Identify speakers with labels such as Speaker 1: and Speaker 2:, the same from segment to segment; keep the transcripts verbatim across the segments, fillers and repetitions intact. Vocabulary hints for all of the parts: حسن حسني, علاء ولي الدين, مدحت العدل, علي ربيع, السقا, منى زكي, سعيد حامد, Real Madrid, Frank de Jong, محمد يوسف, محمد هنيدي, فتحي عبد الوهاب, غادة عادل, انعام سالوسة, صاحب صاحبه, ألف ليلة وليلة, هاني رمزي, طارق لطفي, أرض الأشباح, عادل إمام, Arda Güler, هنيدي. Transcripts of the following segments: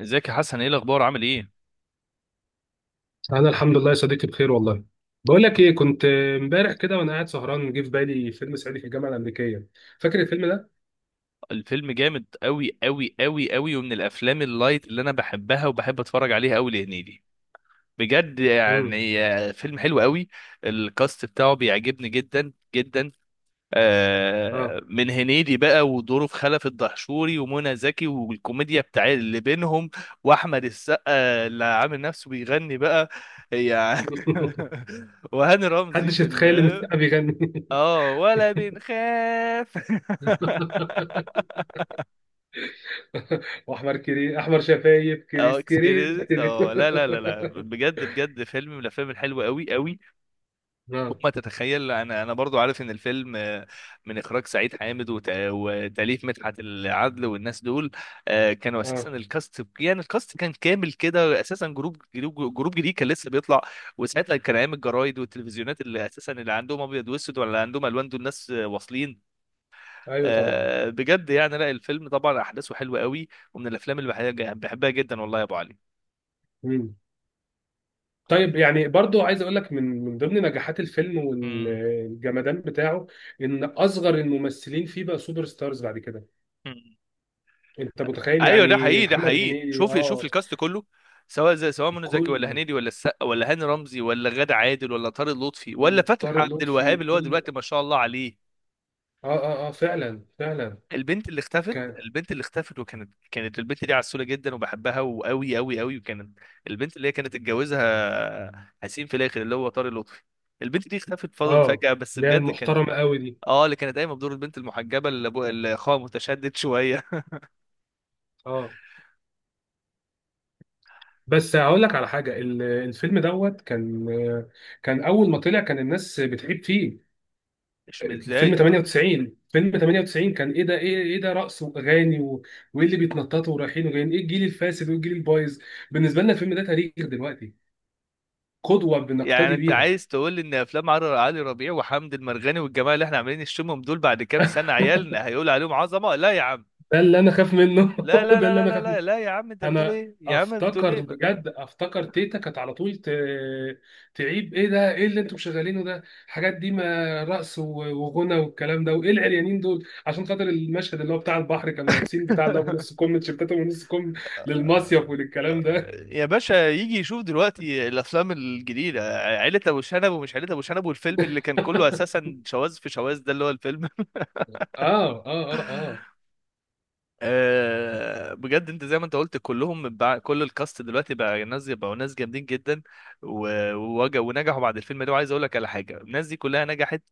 Speaker 1: ازيك يا حسن، ايه الاخبار، عامل ايه؟
Speaker 2: انا الحمد لله يا صديقي، بخير والله. بقول لك ايه، كنت امبارح كده وانا قاعد سهران جه في بالي فيلم صعيدي في الجامعه الامريكيه. فاكر الفيلم ده؟
Speaker 1: الفيلم جامد قوي قوي قوي قوي، ومن الافلام اللايت اللي انا بحبها وبحب اتفرج عليها قوي لهنيدي. بجد
Speaker 2: امم
Speaker 1: يعني، آه، فيلم حلو قوي. الكاست بتاعه بيعجبني جدا جدا.
Speaker 2: اه.
Speaker 1: آه، من هنيدي بقى ودوره في خلف الدهشوري ومنى زكي، والكوميديا بتاع اللي بينهم، واحمد السقا اللي عامل نفسه بيغني بقى يعني. وهاني رمزي
Speaker 2: محدش
Speaker 1: في
Speaker 2: يتخيل ان
Speaker 1: ال،
Speaker 2: السقا بيغني.
Speaker 1: اه ولا بنخاف.
Speaker 2: واحمر كري احمر شفايف
Speaker 1: اه
Speaker 2: كريس كريس
Speaker 1: اكسكيوريز،
Speaker 2: كريس.
Speaker 1: اه لا لا لا لا، بجد بجد فيلم من الافلام الحلوه قوي قوي.
Speaker 2: اه
Speaker 1: وما تتخيل، انا انا برضو عارف ان الفيلم، آه، من اخراج سعيد حامد وت- وتاليف مدحت العدل والناس دول. آه، كانوا اساسا
Speaker 2: اه.
Speaker 1: الكاست، يعني الكاست كان كامل كده اساسا، جروب جروب جروب جديد كان لسه بيطلع. وساعتها كان ايام الجرايد والتلفزيونات اللي اساسا اللي عندهم ابيض واسود، ولا عندهم الوان، دول الناس آه، واصلين.
Speaker 2: ايوه طبعا.
Speaker 1: آه، بجد يعني، لا الفيلم طبعا احداثه حلوه قوي، ومن الافلام اللي بحب- بحبها جدا، والله يا ابو علي.
Speaker 2: مم. طيب، يعني برضو عايز اقول لك من من ضمن نجاحات الفيلم
Speaker 1: مم.
Speaker 2: والجمدان بتاعه ان اصغر الممثلين فيه بقى سوبر ستارز بعد كده.
Speaker 1: مم.
Speaker 2: انت متخيل
Speaker 1: ايوه ده
Speaker 2: يعني؟
Speaker 1: حقيقي ده
Speaker 2: محمد
Speaker 1: حقيقي،
Speaker 2: هنيدي،
Speaker 1: شوف شوف
Speaker 2: اه.
Speaker 1: الكاست كله، سواء زي سواء منى زكي ولا
Speaker 2: كله،
Speaker 1: هنيدي ولا السقا ولا هاني رمزي ولا غادة عادل ولا طارق لطفي ولا فتحي
Speaker 2: وطارق
Speaker 1: عبد
Speaker 2: لطفي،
Speaker 1: الوهاب اللي هو
Speaker 2: وكل...
Speaker 1: دلوقتي ما شاء الله عليه.
Speaker 2: اه اه اه، فعلا فعلا.
Speaker 1: البنت اللي اختفت،
Speaker 2: كان
Speaker 1: البنت اللي اختفت، وكانت كانت البنت دي عسولة جدا وبحبها، وقوي قوي قوي، وكانت البنت اللي هي كانت اتجوزها حسين في الاخر اللي هو طارق لطفي. البنت دي اختفت، فضل
Speaker 2: اه
Speaker 1: فجأة، بس
Speaker 2: اللي هي
Speaker 1: بجد كان.
Speaker 2: المحترمه قوي دي.
Speaker 1: اه، اللي كانت قايمه بدور البنت المحجبه اللي ابو- اللي اخوها متشدد شويه.
Speaker 2: اه، بس هقول لك على حاجه، ال- الفيلم دوت كان كان اول ما طلع كان الناس بتحب فيه.
Speaker 1: مش
Speaker 2: الفيلم
Speaker 1: متضايقه.
Speaker 2: تمانية وتسعين، فيلم تمانية وتسعين كان ايه ده؟ ايه ايه ده، رقص واغاني و- وايه اللي بيتنططوا ورايحين وجايين، ايه الجيل الفاسد وايه الجيل البايظ؟ بالنسبه لنا الفيلم ده تاريخ دلوقتي، قدوه
Speaker 1: يعني
Speaker 2: بنقتدي
Speaker 1: انت
Speaker 2: بيها.
Speaker 1: عايز تقول لي ان افلام عر- علي ربيع وحمد المرغني والجماعه اللي احنا عاملين نشتمهم دول بعد كام سنه عيالنا هيقول عليهم عظمه؟ لا يا عم.
Speaker 2: ده اللي انا خاف منه.
Speaker 1: لا لا
Speaker 2: ده
Speaker 1: لا
Speaker 2: اللي
Speaker 1: لا
Speaker 2: انا
Speaker 1: لا
Speaker 2: خاف.
Speaker 1: لا, لا يا عم، انت بتقول
Speaker 2: انا
Speaker 1: ايه؟ يا عم بتقول
Speaker 2: افتكر،
Speaker 1: ايه؟
Speaker 2: بجد افتكر تيتا كانت على طول ت... تعيب: ايه ده؟ ايه اللي انتم شغالينه ده؟ الحاجات دي، ما رقص و- وغنى والكلام ده. وايه العريانين دول؟ عشان خاطر المشهد اللي هو بتاع البحر كانوا لابسين بتاع اللي هو بنص كم، تيشيرتاتهم ونص كم للمصيف وللكلام ده.
Speaker 1: يا باشا، يجي يشوف دلوقتي الافلام الجديده، عيله ابو شنب ومش عيله ابو شنب، والفيلم اللي كان كله اساسا شواذ في شواذ، ده اللي هو الفيلم.
Speaker 2: اه اه اه اه.
Speaker 1: آه، بجد انت زي ما انت قلت، كلهم بقى، كل الكاست دلوقتي بقى ناس، بقوا ناس جامدين جدا. و- ووج- ونجحوا بعد الفيلم ده. وعايز اقول لك على حاجه، الناس دي كلها نجحت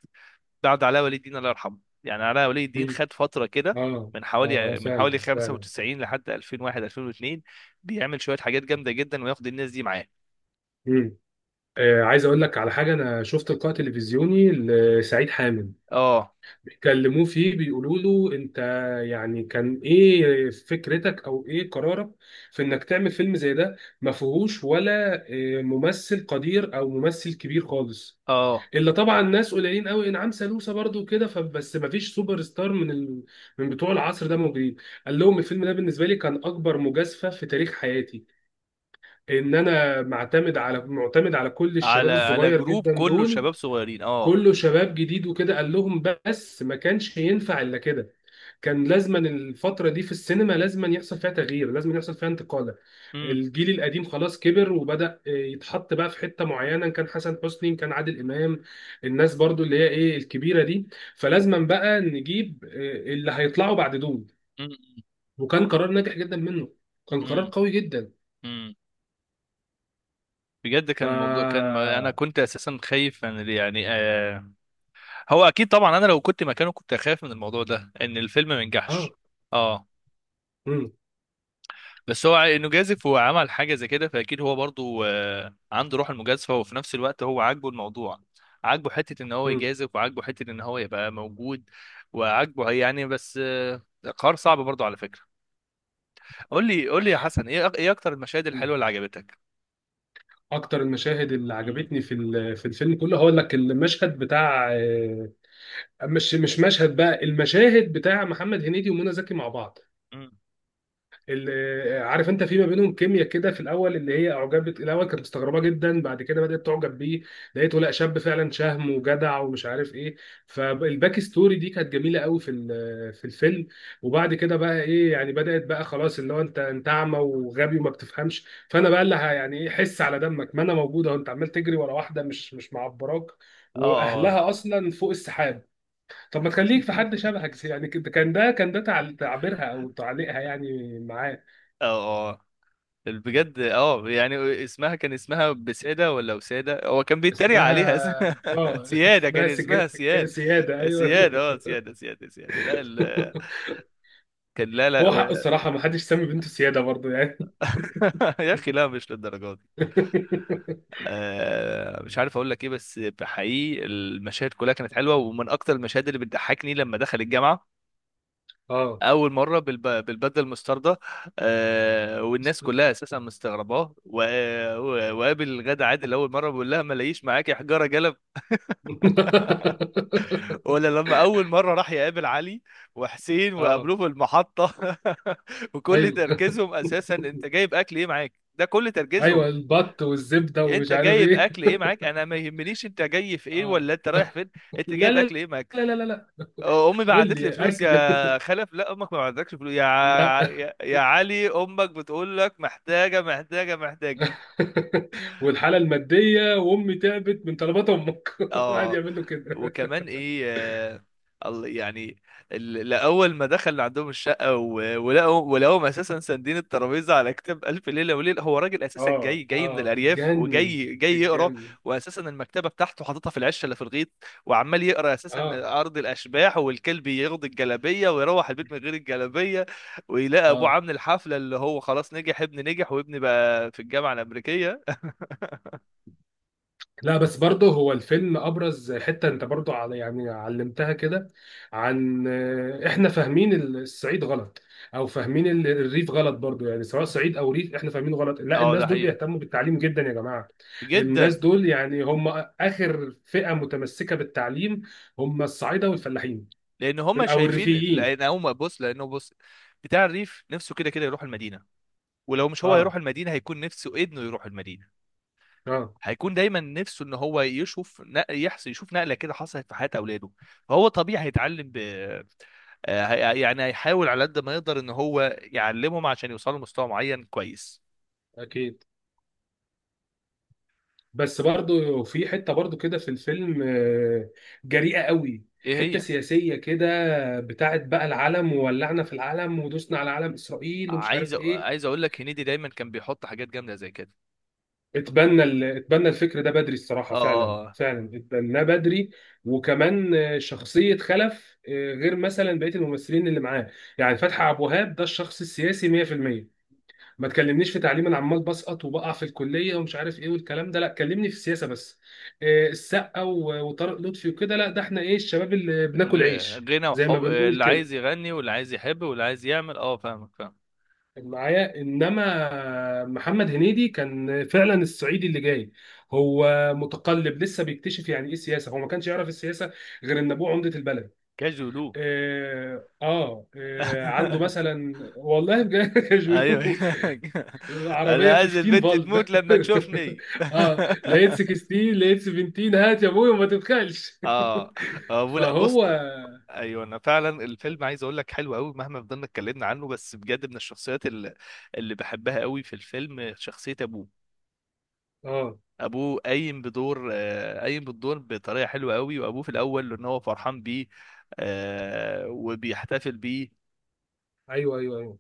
Speaker 1: بعد علاء ولي الدين الله يرحمه. يعني علاء ولي الدين
Speaker 2: مم.
Speaker 1: خد فتره كده،
Speaker 2: اه
Speaker 1: من
Speaker 2: اه اه،
Speaker 1: حوالي من حوالي
Speaker 2: فعلا فعلا.
Speaker 1: خمسة وتسعين لحد ألفين وواحد ألفين واتنين، بيعمل شويه حاجات جامده جدا وياخد الناس دي معاه.
Speaker 2: مم. آه عايز اقول لك على حاجه. انا شفت لقاء تلفزيوني لسعيد حامد،
Speaker 1: اه
Speaker 2: بيكلموه فيه بيقولوا له: انت يعني كان ايه فكرتك، او ايه قرارك في انك تعمل فيلم زي ده ما فيهوش ولا اه، ممثل قدير او ممثل كبير خالص،
Speaker 1: اه.
Speaker 2: الا طبعا ناس قليلين قوي، انعام سالوسة برضو كده، فبس ما فيش سوبر ستار من ال... من بتوع العصر ده موجودين؟ قال لهم: الفيلم ده بالنسبه لي كان اكبر مجازفه في تاريخ حياتي، ان انا معتمد على معتمد على كل الشباب
Speaker 1: على آه. على
Speaker 2: الصغير
Speaker 1: جروب
Speaker 2: جدا
Speaker 1: كله
Speaker 2: دول،
Speaker 1: شباب صغيرين، اه.
Speaker 2: كله شباب جديد وكده. قال لهم بس ما كانش ينفع الا كده، كان لازما الفترة دي في السينما لازما يحصل فيها تغيير، لازما يحصل فيها انتقالة.
Speaker 1: امم.
Speaker 2: الجيل القديم خلاص كبر وبدأ يتحط بقى في حتة معينة، كان حسن حسني، كان عادل إمام، الناس برضو اللي هي ايه الكبيرة دي. فلازما بقى نجيب آه، اللي هيطلعوا بعد دول.
Speaker 1: امم.
Speaker 2: وكان قرار ناجح جدا منه، كان قرار قوي جدا.
Speaker 1: امم. بجد
Speaker 2: ف
Speaker 1: كان موضوع، كان انا كنت اساسا خايف من، يعني، آه هو اكيد طبعا، انا لو كنت مكانه كنت اخاف من الموضوع ده ان الفيلم ما
Speaker 2: اه
Speaker 1: ينجحش. اه.
Speaker 2: مم.
Speaker 1: بس هو انه جازف وعمل حاجه زي كده، فاكيد هو برضو آه عنده روح المجازفه، وفي نفس الوقت هو عاجبه الموضوع. عاجبه حته ان هو
Speaker 2: مم.
Speaker 1: يجازف، وعاجبه حته ان هو يبقى موجود. وعاجبه يعني، بس آه قرار صعب برضو على فكره. قول لي قول لي يا حسن، ايه أك- ايه اكتر المشاهد
Speaker 2: مم.
Speaker 1: الحلوه اللي عجبتك؟
Speaker 2: اكتر المشاهد اللي
Speaker 1: امم.
Speaker 2: عجبتني في ال- في الفيلم كله، هقول لك المشهد بتاع آه، مش مش مشهد بقى، المشاهد بتاع محمد هنيدي ومنى زكي مع بعض.
Speaker 1: امم.
Speaker 2: اللي عارف انت في ما بينهم كيمياء كده في الاول، اللي هي اعجبت الاول كانت مستغربه جدا، بعد كده بدات تعجب بيه. لقيته لا، شاب فعلا شهم وجدع ومش عارف ايه. فالباك ستوري دي كانت جميله قوي في ال- في الفيلم. وبعد كده بقى ايه، يعني بدات بقى خلاص اللي هو انت، انت اعمى وغبي وما بتفهمش، فانا بقى اللي ه- يعني ايه، حس على دمك، ما انا موجوده وانت عمال تجري ورا واحده مش مش معبراك،
Speaker 1: اه اه.
Speaker 2: واهلها اصلا فوق السحاب. طب ما تخليك في حد شبهك زي- يعني كده- كان ده كان ده تعل- تعبيرها او تعليقها يعني معاه.
Speaker 1: اه اه. بجد اه يعني، اسمها كان اسمها بسيدة ولا وسادة، هو كان بيتريق
Speaker 2: اسمها
Speaker 1: عليها اسم-
Speaker 2: اه
Speaker 1: سيادة. كان
Speaker 2: اسمها سجا...
Speaker 1: اسمها
Speaker 2: سجا...
Speaker 1: سياد،
Speaker 2: سياده، ايوه.
Speaker 1: سياد، اه سيادة سيادة سيادة لا ال... كان لا لا
Speaker 2: هو
Speaker 1: و...
Speaker 2: حقه الصراحه، ما حدش سمي بنته سياده برضه يعني.
Speaker 1: يا اخي لا، مش للدرجة دي. آه مش عارف اقول لك ايه، بس حقيقي المشاهد كلها كانت حلوة. ومن اكتر المشاهد اللي بتضحكني لما دخل الجامعة
Speaker 2: اه
Speaker 1: اول مره بالب... بالبدله المستردة، آه والناس كلها اساسا مستغرباه، و... و- وقابل غادة عادل اول مره بيقول لها ما لاقيش معاكي حجاره. ولا لما اول مره راح يقابل علي وحسين
Speaker 2: اه،
Speaker 1: وقابلوه في المحطه. وكل
Speaker 2: ايوه
Speaker 1: تركيزهم اساسا، انت جايب اكل ايه معاك؟ ده كل تركيزهم.
Speaker 2: ايوه. البط والزبده
Speaker 1: انت
Speaker 2: ومش عارف
Speaker 1: جايب
Speaker 2: ايه.
Speaker 1: اكل ايه معاك؟ انا ما يهمنيش انت جاي في ايه،
Speaker 2: اه.
Speaker 1: ولا انت رايح فين. انت
Speaker 2: لا
Speaker 1: جايب
Speaker 2: لا
Speaker 1: اكل ايه معاك؟
Speaker 2: لا لا لا لا.
Speaker 1: امي
Speaker 2: قول
Speaker 1: بعتت لي
Speaker 2: لي
Speaker 1: فلوس
Speaker 2: اكل.
Speaker 1: يا خلف. لا، امك ما بعتتكش فلوس يا
Speaker 2: لا.
Speaker 1: ع- يا يا علي، امك بتقول لك محتاجه محتاجه محتاجه.
Speaker 2: والحاله الماديه، وامي تعبت من طلبات امك. قاعد
Speaker 1: اه.
Speaker 2: يعمل له كده.
Speaker 1: وكمان ايه؟ آه، الله- يعني، ال- لأول ما دخل عندهم الشقة، و- ولقوا ولقوهم أساسا ساندين الترابيزة على كتاب ألف ليلة وليلة. هو راجل أساسا،
Speaker 2: اه
Speaker 1: جاي جاي من
Speaker 2: اه،
Speaker 1: الأرياف،
Speaker 2: اتجنن
Speaker 1: وجاي جاي يقرأ.
Speaker 2: اتجنن.
Speaker 1: وأساسا المكتبة بتاعته حاططها في العشة اللي في الغيط، وعمال يقرأ أساسا
Speaker 2: اه
Speaker 1: أرض الأشباح، والكلب ياخد الجلابية ويروح البيت من غير الجلابية. ويلاقي أبوه
Speaker 2: اه.
Speaker 1: عامل الحفلة، اللي هو خلاص نجح ابن، نجح وابني بقى في الجامعة الأمريكية.
Speaker 2: لا بس برضه هو الفيلم، ابرز حته انت برضه على يعني علمتها كده عن آه، احنا فاهمين ال- الصعيد غلط، او فاهمين ال- الريف غلط برضه. يعني سواء صعيد او ريف، احنا فاهمينه غلط. لا،
Speaker 1: اه
Speaker 2: الناس
Speaker 1: ده
Speaker 2: دول
Speaker 1: حقيقي
Speaker 2: بيهتموا بالتعليم جدا يا جماعه. الناس
Speaker 1: جدا.
Speaker 2: دول يعني هم اخر فئه متمسكه بالتعليم، هم الصعايده والفلاحين
Speaker 1: لان هم
Speaker 2: او
Speaker 1: شايفين،
Speaker 2: الريفيين.
Speaker 1: لان هم بص، لانه بص، بتاع الريف نفسه كده كده يروح المدينه، ولو مش هو
Speaker 2: اه
Speaker 1: هيروح المدينه، هيكون نفسه ابنه يروح المدينه.
Speaker 2: اه،
Speaker 1: هيكون دايما نفسه ان هو يشوف نق- يحصل، يشوف نقله كده حصلت في حياه اولاده. فهو طبيعي هيتعلم ب... آه، هي- يعني هيحاول على قد ما يقدر ان هو يعلمهم عشان يوصلوا لمستوى معين كويس.
Speaker 2: اكيد. بس برضو في حته برضو كده في الفيلم آه، جريئه قوي،
Speaker 1: ايه
Speaker 2: حته
Speaker 1: هي؟
Speaker 2: سياسيه كده بتاعت بقى العلم وولعنا في العلم ودوسنا على علم اسرائيل ومش
Speaker 1: عايز
Speaker 2: عارف
Speaker 1: أ-
Speaker 2: ايه.
Speaker 1: عايز اقول لك، هنيدي دايما كان بيحط حاجات جامده زي كده.
Speaker 2: اتبنى ال- اتبنى الفكر ده بدري الصراحه،
Speaker 1: اه
Speaker 2: فعلا
Speaker 1: اه آه.
Speaker 2: فعلا اتبناه بدري. وكمان آه، شخصيه خلف آه، غير مثلا بقيه الممثلين اللي معاه. يعني فتحي عبد الوهاب ده الشخص السياسي مية في المية: ما تكلمنيش في تعليم، انا عمال بسقط وبقع في الكليه ومش عارف ايه والكلام ده، لا كلمني في السياسه بس. آه، السقا و- وطارق لطفي وكده، لا ده احنا ايه، الشباب اللي بناكل
Speaker 1: غ-
Speaker 2: عيش
Speaker 1: غنى
Speaker 2: زي ما
Speaker 1: وحب،
Speaker 2: بنقول
Speaker 1: اللي عايز
Speaker 2: كده،
Speaker 1: يغني واللي عايز يحب واللي عايز يعمل، اه فاهمك فاهمك.
Speaker 2: معايا. انما محمد هنيدي كان فعلا الصعيدي اللي جاي، هو متقلب لسه بيكتشف يعني ايه سياسه، هو ما كانش يعرف السياسه غير ان ابوه عمده البلد.
Speaker 1: كاجولو.
Speaker 2: اه اه، آه عنده مثلا والله بجد. يا
Speaker 1: ايوه.
Speaker 2: جولو،
Speaker 1: انا
Speaker 2: عربية
Speaker 1: عايز
Speaker 2: خمستاشر
Speaker 1: البنت
Speaker 2: فولت.
Speaker 1: تموت لما تشوفني.
Speaker 2: اه، لقيت ستاشر، لقيت سبعتاشر، هات يا ابوي وما تبخلش.
Speaker 1: اه. آه، لا بص.
Speaker 2: فهو
Speaker 1: ايوه انا فعلا الفيلم عايز اقول لك حلو قوي، مهما فضلنا اتكلمنا عنه. بس بجد من الشخصيات اللي، اللي بحبها قوي في الفيلم، شخصيه ابوه.
Speaker 2: اه
Speaker 1: ابوه قايم بدور، آه، قايم بالدور بطريقه حلوه قوي. وابوه في الاول ان هو فرحان بيه، آه، وبيحتفل بيه.
Speaker 2: ايوه ايوه ايوه.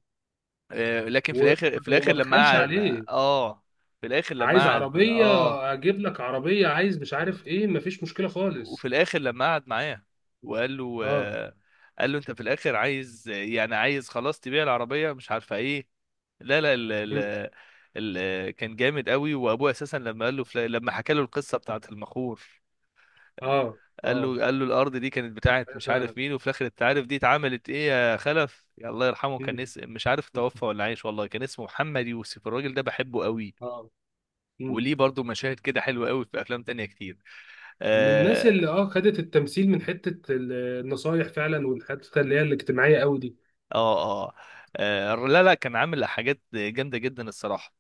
Speaker 1: آه، لكن في
Speaker 2: و...
Speaker 1: الاخر، في الاخر
Speaker 2: وما
Speaker 1: لما
Speaker 2: بخلش
Speaker 1: قعد،
Speaker 2: عليه.
Speaker 1: اه، في الاخر لما
Speaker 2: عايز
Speaker 1: قعد،
Speaker 2: عربية،
Speaker 1: اه،
Speaker 2: اجيب لك عربية. عايز مش عارف ايه، مفيش مشكلة
Speaker 1: وفي
Speaker 2: خالص.
Speaker 1: الاخر لما قعد معاه وقال له،
Speaker 2: اه.
Speaker 1: آه، قال له انت في الاخر عايز، يعني عايز خلاص تبيع العربيه مش عارفه ايه. لا لا ال
Speaker 2: مم.
Speaker 1: ال ال كان جامد قوي. وابوه اساسا لما قال له فلا- لما حكى له القصه بتاعت المخور.
Speaker 2: اه
Speaker 1: قال
Speaker 2: اه،
Speaker 1: له، قال له الارض دي كانت بتاعت
Speaker 2: أيوة
Speaker 1: مش عارف
Speaker 2: فعلا.
Speaker 1: مين، وفي الاخر انت عارف دي اتعملت ايه يا خلف، يا الله يرحمه كان
Speaker 2: مم.
Speaker 1: اسم، مش عارف توفى ولا عايش، والله كان اسمه محمد يوسف، الراجل ده بحبه قوي.
Speaker 2: اه. مم.
Speaker 1: وليه برضو مشاهد كده حلوه قوي في افلام تانية كتير.
Speaker 2: من الناس
Speaker 1: اه
Speaker 2: اللي اه خدت التمثيل من حتة ال- النصايح فعلا، والحتة اللي هي الاجتماعية قوي دي.
Speaker 1: اه, آه. آه، لا لا كان عامل حاجات جامده جدا الصراحه.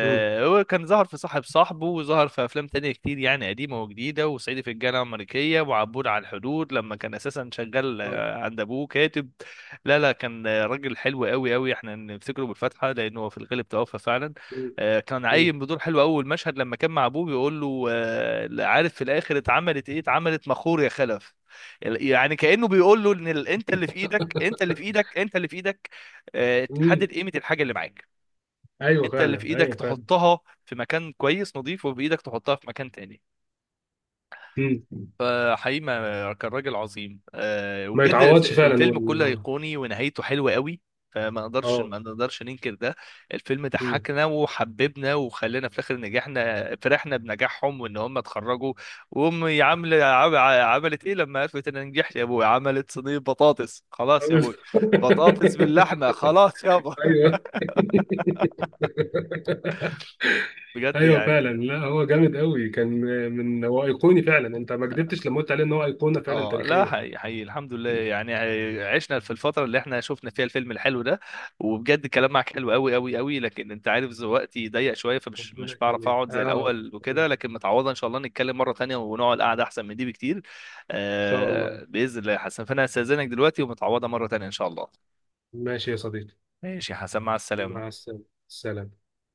Speaker 2: مم.
Speaker 1: هو كان ظهر في صاحب صاحبه، وظهر في افلام تانية كتير يعني قديمة وجديدة، وصعيدي في الجامعة الأمريكية، وعبود على الحدود لما كان اساسا شغال
Speaker 2: اه.
Speaker 1: آه، عند ابوه كاتب. لا لا كان آه، راجل حلو قوي قوي، احنا نفتكره بالفتحة لانه هو في الغالب توفى فعلا.
Speaker 2: مم.
Speaker 1: آه، كان
Speaker 2: مم.
Speaker 1: عايم بدور حلو، اول مشهد لما كان مع ابوه بيقول له آه، عارف في الاخر اتعملت ايه؟ اتعملت مخور يا خلف. يعني كأنه بيقول له ان ال- انت اللي في ايدك، انت اللي في ايدك، انت اللي في ايدك، آه،
Speaker 2: مم.
Speaker 1: تحدد قيمة الحاجة اللي معاك.
Speaker 2: ايوه
Speaker 1: انت اللي في
Speaker 2: فعلا،
Speaker 1: ايدك
Speaker 2: ايوه فعلا.
Speaker 1: تحطها في مكان كويس نظيف، وبايدك تحطها في مكان تاني.
Speaker 2: مم.
Speaker 1: فحقيقي ما- كان راجل عظيم، أه.
Speaker 2: ما
Speaker 1: وبجد الف-
Speaker 2: يتعوضش فعلا
Speaker 1: الفيلم كله
Speaker 2: وال
Speaker 1: ايقوني ونهايته حلوه قوي. فما نقدرش
Speaker 2: اه.
Speaker 1: ما نقدرش ننكر ده. الفيلم
Speaker 2: مم.
Speaker 1: ضحكنا وحببنا وخلانا في الاخر نجحنا، فرحنا بنجاحهم وان هم اتخرجوا. وامي عامله عم- عملت ايه لما عرفت ان أنا نجحت يا ابوي؟ عملت صينيه بطاطس خلاص يا ابوي، بطاطس باللحمه خلاص يابا.
Speaker 2: ايوه
Speaker 1: بجد
Speaker 2: ايوه فعلا.
Speaker 1: يعني.
Speaker 2: لا هو جامد قوي كان، من هو ايقوني فعلا. انت ما كدبتش لما قلت عليه ان هو ايقونه فعلا
Speaker 1: اه لا
Speaker 2: تاريخيه.
Speaker 1: حقيقي حقيقي، الحمد لله يعني، عشنا في الفترة اللي احنا شفنا فيها الفيلم الحلو ده. وبجد الكلام معاك حلو قوي قوي قوي، لكن انت عارف وقتي ضيق شوية، فمش
Speaker 2: ربنا
Speaker 1: مش بعرف
Speaker 2: يخليك،
Speaker 1: اقعد زي
Speaker 2: اه.
Speaker 1: الاول وكده،
Speaker 2: ان
Speaker 1: لكن متعوضة ان شاء الله، نتكلم مرة تانية ونقعد قعدة احسن من دي بكتير.
Speaker 2: شاء الله.
Speaker 1: آه بإذن الله يا حسن، فانا هستأذنك دلوقتي ومتعوضة مرة تانية ان شاء الله.
Speaker 2: ماشي يا صديقي.
Speaker 1: ماشي يا حسن، مع
Speaker 2: مع
Speaker 1: السلامة.
Speaker 2: السلامه، سلام.